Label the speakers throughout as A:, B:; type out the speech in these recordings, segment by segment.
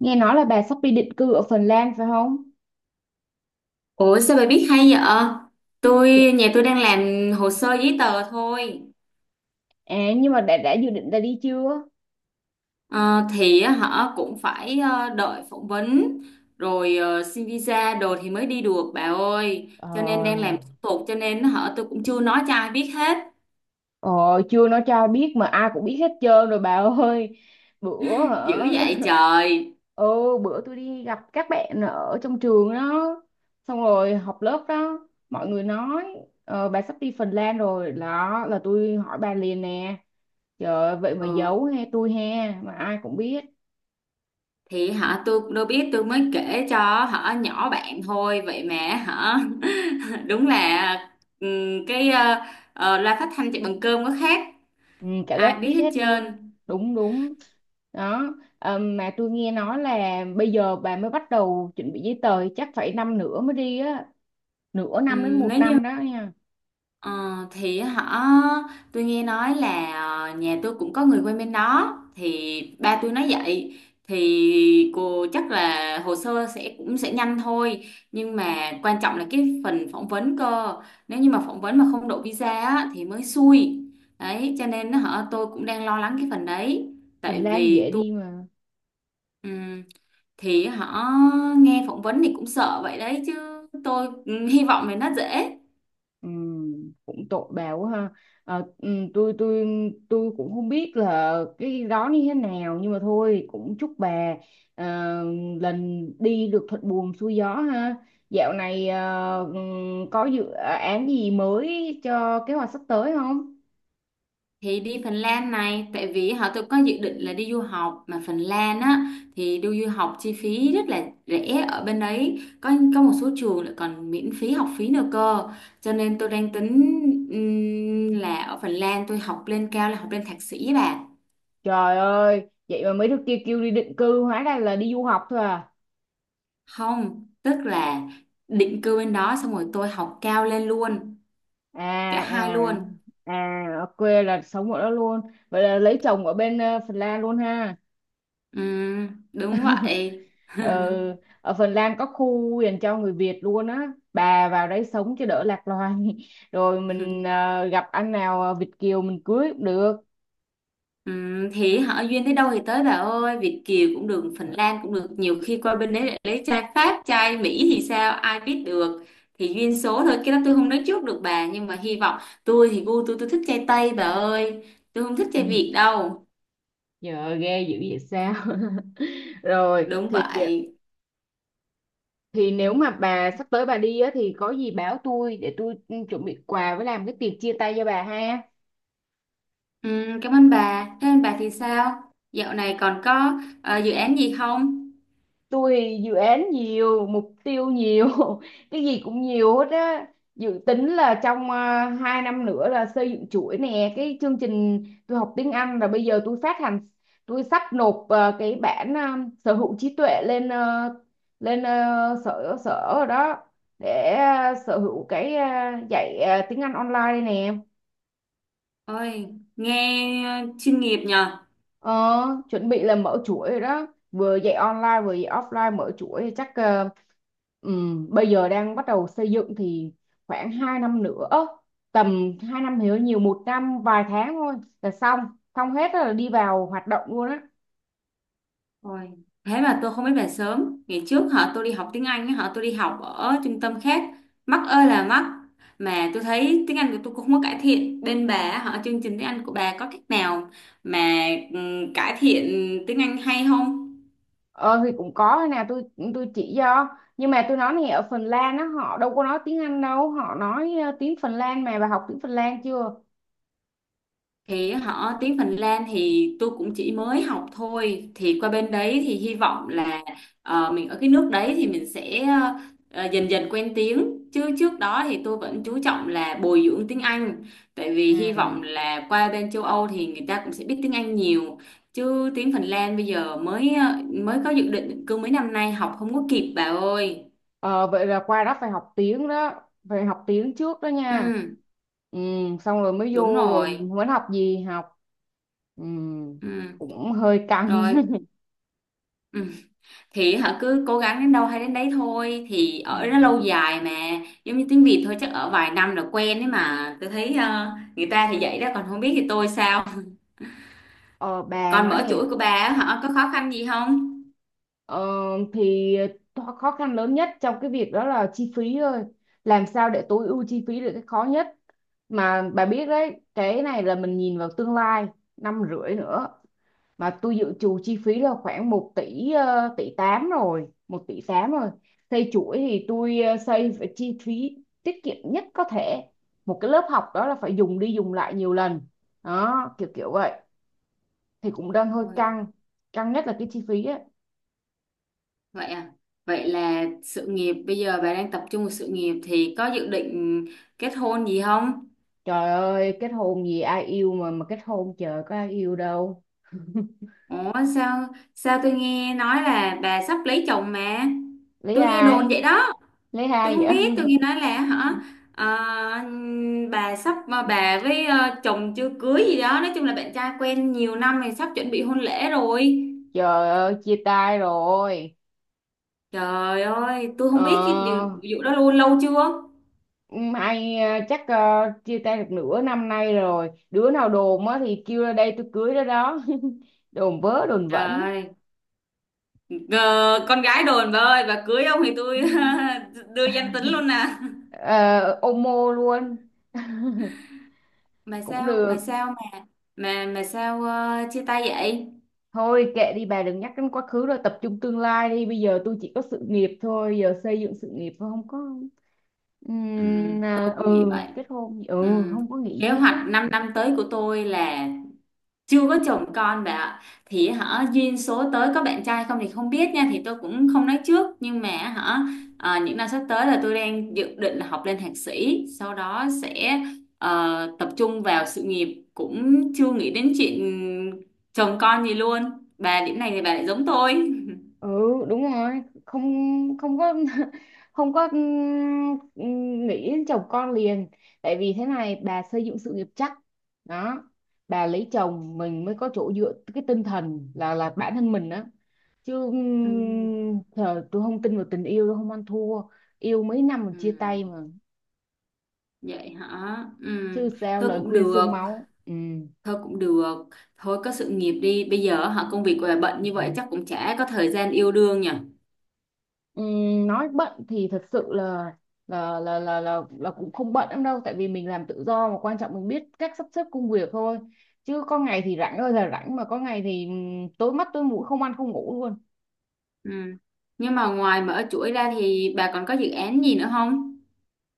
A: Nghe nói là bà sắp đi định cư ở Phần Lan phải không?
B: Ủa sao bà biết hay vậy?
A: Chưa-
B: Nhà tôi đang làm hồ sơ giấy tờ thôi.
A: À nhưng mà đã dự định ra đi chưa?
B: Ờ, thì á, họ cũng phải đợi phỏng vấn rồi xin visa đồ thì mới đi được bà ơi. Cho nên đang
A: Ờ,
B: làm thủ tục, cho nên họ tôi cũng chưa nói cho ai biết hết.
A: ờ Chưa nó cho ai biết mà ai cũng biết hết trơn rồi bà ơi. Bữa hả?
B: Dữ vậy trời.
A: Ừ, bữa tôi đi gặp các bạn ở trong trường đó, xong rồi học lớp đó, mọi người nói bà sắp đi Phần Lan rồi đó là tôi hỏi bà liền nè. Trời ơi, vậy mà
B: Ừ.
A: giấu he tôi he mà ai cũng biết.
B: Thì họ tôi cũng đâu biết, tôi mới kể cho họ nhỏ bạn thôi vậy mà họ đúng là cái loa phát thanh chạy bằng cơm có khác,
A: Ừ, cả
B: ai
A: lớp
B: biết
A: biết
B: hết
A: hết luôn.
B: trơn.
A: Đúng đúng đó. Mà tôi nghe nói là bây giờ bà mới bắt đầu chuẩn bị giấy tờ chắc phải năm nữa mới đi á, nửa năm đến một
B: Nếu như
A: năm đó nha.
B: ờ, thì tôi nghe nói là nhà tôi cũng có người quen bên đó, thì ba tôi nói vậy thì cô chắc là hồ sơ cũng sẽ nhanh thôi, nhưng mà quan trọng là cái phần phỏng vấn cơ. Nếu như mà phỏng vấn mà không đậu visa á, thì mới xui đấy, cho nên tôi cũng đang lo lắng cái phần đấy.
A: Phần
B: Tại
A: Lan dễ
B: vì tôi
A: đi mà.
B: ừm, thì họ nghe phỏng vấn thì cũng sợ vậy đấy chứ. Tôi hy vọng là nó dễ.
A: Ừ, cũng tội bà quá ha. Ờ, ừ, tôi tôi cũng không biết là cái đó như thế nào, nhưng mà thôi cũng chúc bà ờ, lần đi được thuận buồm xuôi gió ha. Dạo này có dự án gì mới cho kế hoạch sắp tới không?
B: Thì đi Phần Lan này tại vì họ tôi có dự định là đi du học, mà Phần Lan á thì đi du học chi phí rất là rẻ, ở bên đấy có một số trường lại còn miễn phí học phí nữa cơ, cho nên tôi đang tính là ở Phần Lan tôi học lên cao là học lên thạc sĩ bà.
A: Trời ơi, vậy mà mấy đứa kia kêu đi định cư, hóa ra là đi du học thôi à.
B: Không, tức là định cư bên đó xong rồi tôi học cao lên luôn, cả
A: À,
B: hai
A: à,
B: luôn.
A: à, ở quê là sống ở đó luôn. Vậy là lấy chồng ở bên Phần Lan luôn ha.
B: Đúng vậy.
A: Ờ, ở Phần Lan có khu dành cho người Việt luôn á. Bà vào đấy sống cho đỡ lạc loài. Rồi mình gặp anh nào Việt kiều mình cưới cũng được.
B: Ừ, thì họ duyên tới đâu thì tới bà ơi, Việt Kiều cũng được, Phần Lan cũng được, nhiều khi qua bên đấy lại lấy trai Pháp, trai Mỹ thì sao, ai biết được. Thì duyên số thôi, cái đó tôi không nói trước được bà, nhưng mà hy vọng. Tôi thì gu tôi thích trai Tây bà ơi, tôi không thích trai Việt
A: Ừ,
B: đâu.
A: giờ ghê dữ vậy sao? Rồi
B: Đúng
A: thì
B: vậy.
A: thì nếu mà bà sắp tới bà đi á thì có gì báo tôi để tôi chuẩn bị quà với làm cái tiệc chia tay cho bà ha.
B: Ừ, cảm ơn bà, thế ơn bà thì sao, dạo này còn có dự án gì không.
A: Tôi dự án nhiều, mục tiêu nhiều. Cái gì cũng nhiều hết á. Dự tính là trong 2 năm nữa là xây dựng chuỗi nè, cái chương trình tôi học tiếng Anh là bây giờ tôi phát hành. Tôi sắp nộp cái bản sở hữu trí tuệ lên sở sở rồi đó, để sở hữu cái dạy tiếng Anh online đây nè.
B: Ôi, nghe chuyên nghiệp nhờ.
A: Ờ, chuẩn bị là mở chuỗi rồi đó, vừa dạy online vừa dạy offline, mở chuỗi chắc bây giờ đang bắt đầu xây dựng thì khoảng 2 năm nữa, tầm 2 năm thì hơi nhiều, 1 năm vài tháng thôi là xong. Xong hết rồi là đi vào hoạt động luôn á.
B: Ôi, thế mà tôi không biết về sớm. Ngày trước họ tôi đi học tiếng Anh, họ tôi đi học ở trung tâm khác. Mắc ơi là mắc. Mà tôi thấy tiếng Anh của tôi cũng không có cải thiện. Bên bà, họ chương trình tiếng Anh của bà có cách nào mà ừ, cải thiện tiếng Anh hay không?
A: Ờ thì cũng có, thế nào tôi chỉ cho, nhưng mà tôi nói này, ở Phần Lan á họ đâu có nói tiếng Anh đâu, họ nói tiếng Phần Lan, mà bà học tiếng Phần Lan chưa?
B: Thì họ tiếng Phần Lan thì tôi cũng chỉ mới học thôi, thì qua bên đấy thì hy vọng là mình ở cái nước đấy thì mình sẽ dần dần quen tiếng, chứ trước đó thì tôi vẫn chú trọng là bồi dưỡng tiếng Anh, tại vì hy
A: Ừ.
B: vọng là qua bên châu Âu thì người ta cũng sẽ biết tiếng Anh nhiều. Chứ tiếng Phần Lan bây giờ mới mới có dự định, cứ mấy năm nay học không có kịp bà ơi.
A: Ờ, vậy là qua đó phải học tiếng đó, phải học tiếng trước đó nha.
B: Ừ,
A: ừ, Xong rồi mới
B: đúng
A: vô rồi
B: rồi.
A: muốn học gì học. Ừ,
B: Ừ.
A: cũng hơi căng.
B: Rồi. Ừ. Thì họ cứ cố gắng đến đâu hay đến đấy thôi, thì
A: Ờ,
B: ở nó lâu dài mà, giống như tiếng Việt thôi, chắc ở vài năm là quen ấy mà. Tôi thấy người ta thì vậy đó, còn không biết thì tôi sao.
A: ờ, bà
B: Còn
A: nói
B: mở
A: nè,
B: chuỗi của bà á, họ có khó khăn gì không?
A: ờ, thì khó khăn lớn nhất trong cái việc đó là chi phí thôi. Làm sao để tối ưu chi phí là cái khó nhất. Mà bà biết đấy, cái này là mình nhìn vào tương lai năm rưỡi nữa, mà tôi dự trù chi phí là khoảng 1 tỷ, tỷ 8 rồi, 1,8 tỷ rồi. Xây chuỗi thì tôi xây phải chi phí tiết kiệm nhất có thể, một cái lớp học đó là phải dùng đi dùng lại nhiều lần đó, kiểu kiểu vậy. Thì cũng đang hơi
B: Ôi,
A: căng, căng nhất là cái chi phí á.
B: vậy à? Vậy là sự nghiệp, bây giờ bà đang tập trung vào sự nghiệp thì có dự định kết hôn gì không?
A: Trời ơi, kết hôn gì, ai yêu mà kết hôn, trời, có ai yêu đâu.
B: Ủa sao, sao tôi nghe nói là bà sắp lấy chồng mà,
A: Lấy
B: tôi nghe đồn
A: ai?
B: vậy đó.
A: Lấy
B: Tôi
A: ai vậy?
B: không biết, tôi nghe nói là ờ, bà sắp bà với chồng chưa cưới gì đó, nói chung là bạn trai quen nhiều năm thì sắp chuẩn bị hôn lễ rồi.
A: Trời ơi, chia tay rồi.
B: Trời ơi, tôi
A: ờ
B: không biết cái điều vụ đó luôn, lâu chưa?
A: Mai chắc chia tay được nửa năm nay rồi. Đứa nào đồn á thì kêu ra đây tôi cưới đó đó. Đồn vớ đồn vẩn.
B: Trời, ờ, con gái đồn bà ơi, bà cưới ông thì tôi đưa danh tính luôn nè.
A: Ờ, ôm mô luôn.
B: mà
A: Cũng
B: sao mà
A: được.
B: sao mà mà mà sao chia tay vậy?
A: Thôi kệ đi bà, đừng nhắc đến quá khứ, rồi tập trung tương lai đi. Bây giờ tôi chỉ có sự nghiệp thôi. Giờ xây dựng sự nghiệp thôi, không có
B: Ừ, tôi cũng nghĩ
A: Ừ
B: vậy.
A: kết hôn, ừ,
B: Ừ.
A: không có nghĩ
B: Kế
A: gì hết
B: hoạch
A: á.
B: 5 năm năm tới của tôi là chưa có chồng con bạn ạ, thì duyên số tới có bạn trai không thì không biết nha, thì tôi cũng không nói trước, nhưng mà những năm sắp tới là tôi đang dự định là học lên thạc sĩ, sau đó sẽ tập trung vào sự nghiệp, cũng chưa nghĩ đến chuyện chồng con gì luôn. Bà điểm này thì bà lại giống tôi.
A: Ừ, đúng rồi, không, không có. Không có, nghĩ đến chồng con liền. Tại vì thế này, bà xây dựng sự nghiệp chắc đó, bà lấy chồng mình mới có chỗ dựa cái tinh thần là bản thân mình đó. Chứ
B: Ừ.
A: thờ tôi không tin vào tình yêu, tôi không ăn thua. Yêu mấy năm mà
B: Ừ,
A: chia tay mà.
B: vậy hả? Ừ,
A: Chứ sao,
B: thôi
A: lời
B: cũng
A: khuyên
B: được,
A: xương máu. Ừ.
B: thôi cũng được. Thôi có sự nghiệp đi. Bây giờ công việc của bà bận như vậy chắc cũng chả có thời gian yêu đương nhỉ.
A: Nói bận thì thật sự là là cũng không bận lắm đâu, tại vì mình làm tự do mà, quan trọng mình biết cách sắp xếp công việc thôi. Chứ có ngày thì rảnh ơi là rảnh, mà có ngày thì tối mắt tối mũi, không ăn không ngủ luôn.
B: Ừ. Nhưng mà ngoài mở chuỗi ra thì bà còn có dự án gì nữa không?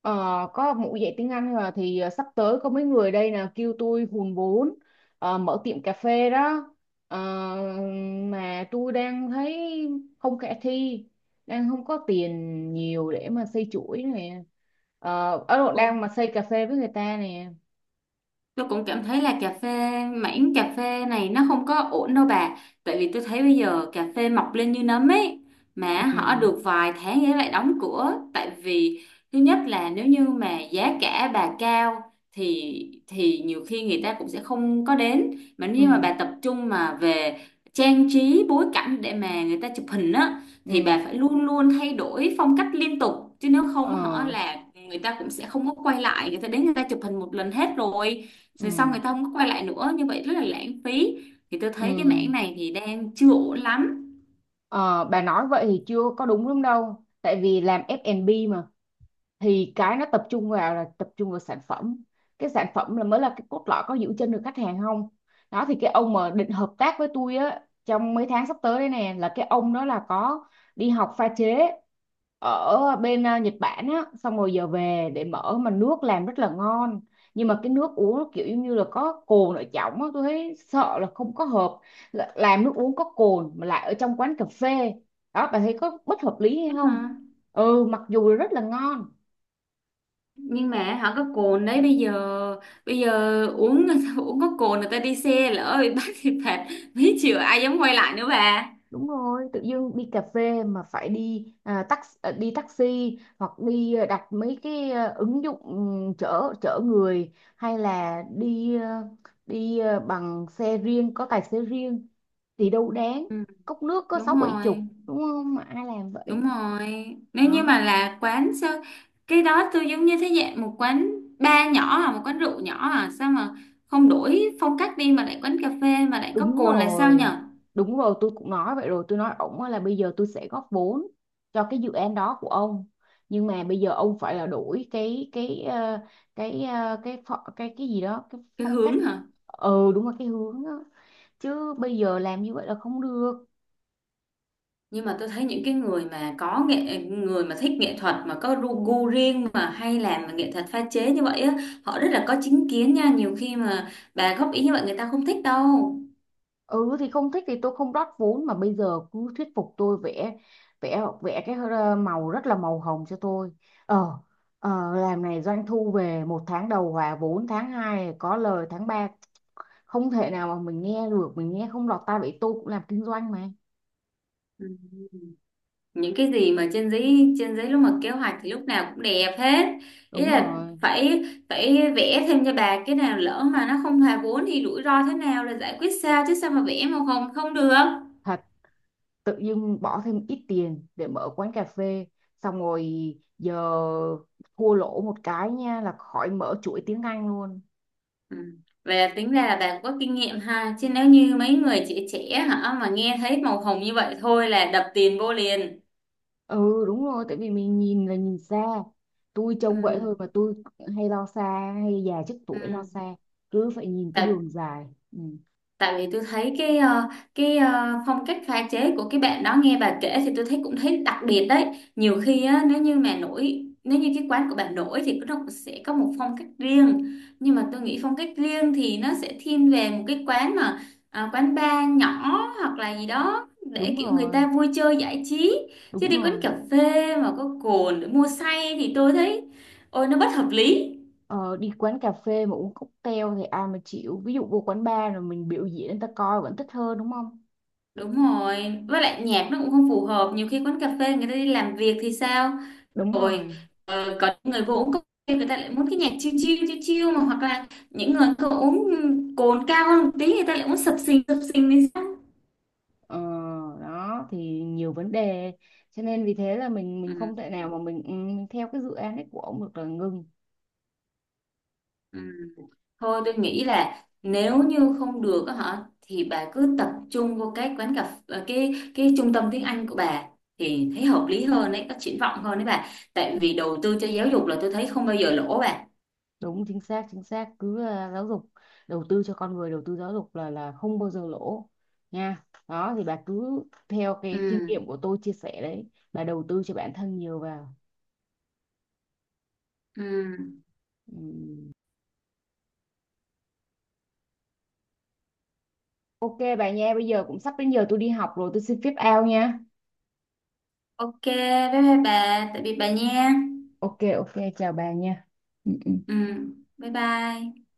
A: ờ, có một, dạy tiếng Anh là thì sắp tới có mấy người đây là kêu tôi hùn vốn mở tiệm cà phê đó. Ờ, mà tôi đang thấy không khả thi, đang không có tiền nhiều để mà xây chuỗi này. Ờ, Ấn Độ
B: Cũng,
A: đang mà xây cà phê với người ta nè.
B: tôi cũng cảm thấy là cà phê, mảng cà phê này nó không có ổn đâu bà. Tại vì tôi thấy bây giờ cà phê mọc lên như nấm ấy. Mà họ
A: Ừ.
B: được vài tháng ấy lại đóng cửa. Tại vì thứ nhất là nếu như mà giá cả bà cao thì thì nhiều khi người ta cũng sẽ không có đến. Mà nếu
A: Ừ.
B: như mà bà tập trung mà về trang trí bối cảnh để mà người ta chụp hình á,
A: Ừ.
B: thì bà phải luôn luôn thay đổi phong cách liên tục. Chứ nếu không
A: Ờ.
B: họ là người ta cũng sẽ không có quay lại, người ta đến người ta chụp hình một lần hết rồi,
A: Ừ.
B: rồi xong người ta không có quay lại nữa, như vậy rất là lãng phí. Thì tôi thấy cái
A: Ừ.
B: mảng này thì đang chưa ổn lắm.
A: Ờ, bà nói vậy thì chưa có đúng lắm đâu, tại vì làm F&B thì cái nó tập trung vào, là tập trung vào sản phẩm, cái sản phẩm là mới là cái cốt lõi, có giữ chân được khách hàng không. Đó thì cái ông mà định hợp tác với tôi á trong mấy tháng sắp tới đây nè, là cái ông đó là có đi học pha chế ở bên Nhật Bản á, xong rồi giờ về để mở mà nước làm rất là ngon, nhưng mà cái nước uống nó kiểu giống như là có cồn ở trong á, tôi thấy sợ là không có hợp. Làm nước uống có cồn mà lại ở trong quán cà phê, đó bạn thấy có bất hợp lý hay
B: Thế
A: không?
B: mà,
A: Ừ, mặc dù là rất là ngon.
B: nhưng mà họ có cồn đấy, bây giờ uống uống có cồn người ta đi xe lỡ bị bắt thì phạt mấy triệu, ai dám quay lại nữa bà.
A: Đúng rồi, tự dưng đi cà phê mà phải đi đi taxi, hoặc đi đặt mấy cái ứng dụng, ừ, chở chở người, hay là đi bằng xe riêng có tài xế riêng thì đâu đáng.
B: Ừ,
A: Cốc nước có sáu
B: đúng
A: bảy
B: rồi,
A: chục, đúng không, mà ai làm
B: đúng
A: vậy
B: rồi, nếu như mà
A: đó.
B: là quán sao, cái đó tôi giống như thế dạng một quán bar nhỏ à, một quán rượu nhỏ à, sao mà không đổi phong cách đi, mà lại quán cà phê mà lại có
A: Đúng
B: cồn là sao
A: rồi.
B: nhở?
A: Đúng rồi, tôi cũng nói vậy rồi. Tôi nói ổng á là bây giờ tôi sẽ góp vốn cho cái dự án đó của ông. Nhưng mà bây giờ ông phải là đổi cái cái gì đó, cái
B: Cái
A: phong cách.
B: hướng hả?
A: Ừ, đúng là cái hướng đó. Chứ bây giờ làm như vậy là không được.
B: Nhưng mà tôi thấy những cái người mà có nghệ, người mà thích nghệ thuật mà có ru gu riêng mà hay làm mà nghệ thuật pha chế như vậy á, họ rất là có chính kiến nha, nhiều khi mà bà góp ý như vậy người ta không thích đâu.
A: Ừ, thì không thích thì tôi không rót vốn, mà bây giờ cứ thuyết phục tôi, vẽ vẽ vẽ cái màu rất là màu hồng cho tôi. Ờ. Ờ, làm này doanh thu về một tháng đầu hòa vốn, tháng 2 có lời, tháng 3. Không thể nào mà mình nghe được, mình nghe không lọt tai, vậy tôi cũng làm kinh doanh mà.
B: Ừ. Những cái gì mà trên giấy, trên giấy lúc mà kế hoạch thì lúc nào cũng đẹp hết, ý
A: Đúng
B: là
A: rồi.
B: phải, phải vẽ thêm cho bà cái nào lỡ mà nó không hòa vốn thì rủi ro thế nào là giải quyết sao, chứ sao mà vẽ mà không không được.
A: Thật, tự dưng bỏ thêm ít tiền để mở quán cà phê, xong rồi giờ thua lỗ một cái nha là khỏi mở chuỗi tiếng Anh luôn.
B: Ừ. Vậy là tính ra là bạn có kinh nghiệm ha, chứ nếu như mấy người trẻ trẻ mà nghe thấy màu hồng như vậy thôi là đập tiền vô liền.
A: Ừ, đúng rồi, tại vì mình nhìn là nhìn xa, tôi trông vậy
B: Ừ.
A: thôi mà tôi hay lo xa, hay già trước tuổi lo
B: Ừ.
A: xa, cứ phải nhìn cái
B: Tại
A: đường dài. Ừ,
B: tại vì tôi thấy cái cái phong cách pha chế của cái bạn đó, nghe bà kể thì tôi thấy cũng thấy đặc biệt đấy. Nhiều khi á, nếu như mà nổi, nếu như cái quán của bà nổi thì nó cũng sẽ có một phong cách riêng, nhưng mà tôi nghĩ phong cách riêng thì nó sẽ thiên về một cái quán mà quán bar nhỏ, hoặc là gì đó
A: đúng
B: để kiểu người
A: rồi,
B: ta vui chơi giải trí. Chứ
A: đúng
B: đi quán
A: rồi.
B: cà phê mà có cồn để mua say thì tôi thấy ôi nó bất hợp lý.
A: Ờ, đi quán cà phê mà uống cocktail thì ai mà chịu, ví dụ vô quán bar rồi mình biểu diễn người ta coi vẫn thích hơn, đúng không?
B: Đúng rồi, với lại nhạc nó cũng không phù hợp. Nhiều khi quán cà phê người ta đi làm việc thì sao?
A: Đúng
B: Rồi
A: rồi,
B: có những người vô uống cà phê người ta lại muốn cái nhạc chill chill chill chill mà, hoặc là những người có uống cồn cao hơn một tí người ta lại muốn sập sình thì sao?
A: ờ, đó thì nhiều vấn đề, cho nên vì thế là mình
B: Ừ,
A: không thể nào mà mình, ừ, mình theo cái dự án ấy của ông được, là ngưng.
B: ừ. Thôi tôi nghĩ là nếu như không được á thì bà cứ tập trung vô cái quán cà phê, cái trung tâm tiếng Anh của bà, thì thấy hợp lý hơn đấy, có triển vọng hơn đấy bà. Tại
A: Ừ,
B: vì đầu tư cho giáo dục là tôi thấy không bao giờ lỗ bà.
A: đúng, chính xác, chính xác, cứ giáo dục, đầu tư cho con người, đầu tư giáo dục là không bao giờ lỗ nha. Đó thì bà cứ theo cái kinh
B: Ừ,
A: nghiệm của tôi chia sẻ đấy, bà đầu tư cho bản thân nhiều vào.
B: ừ.
A: Ừ. Ok bà nha, bây giờ cũng sắp đến giờ tôi đi học rồi, tôi xin phép out nha.
B: Ok, bye bye bà, tạm biệt bà nha.
A: Ok, ok, chào bà nha. Ừ, ừ.
B: Ừ, bye bye.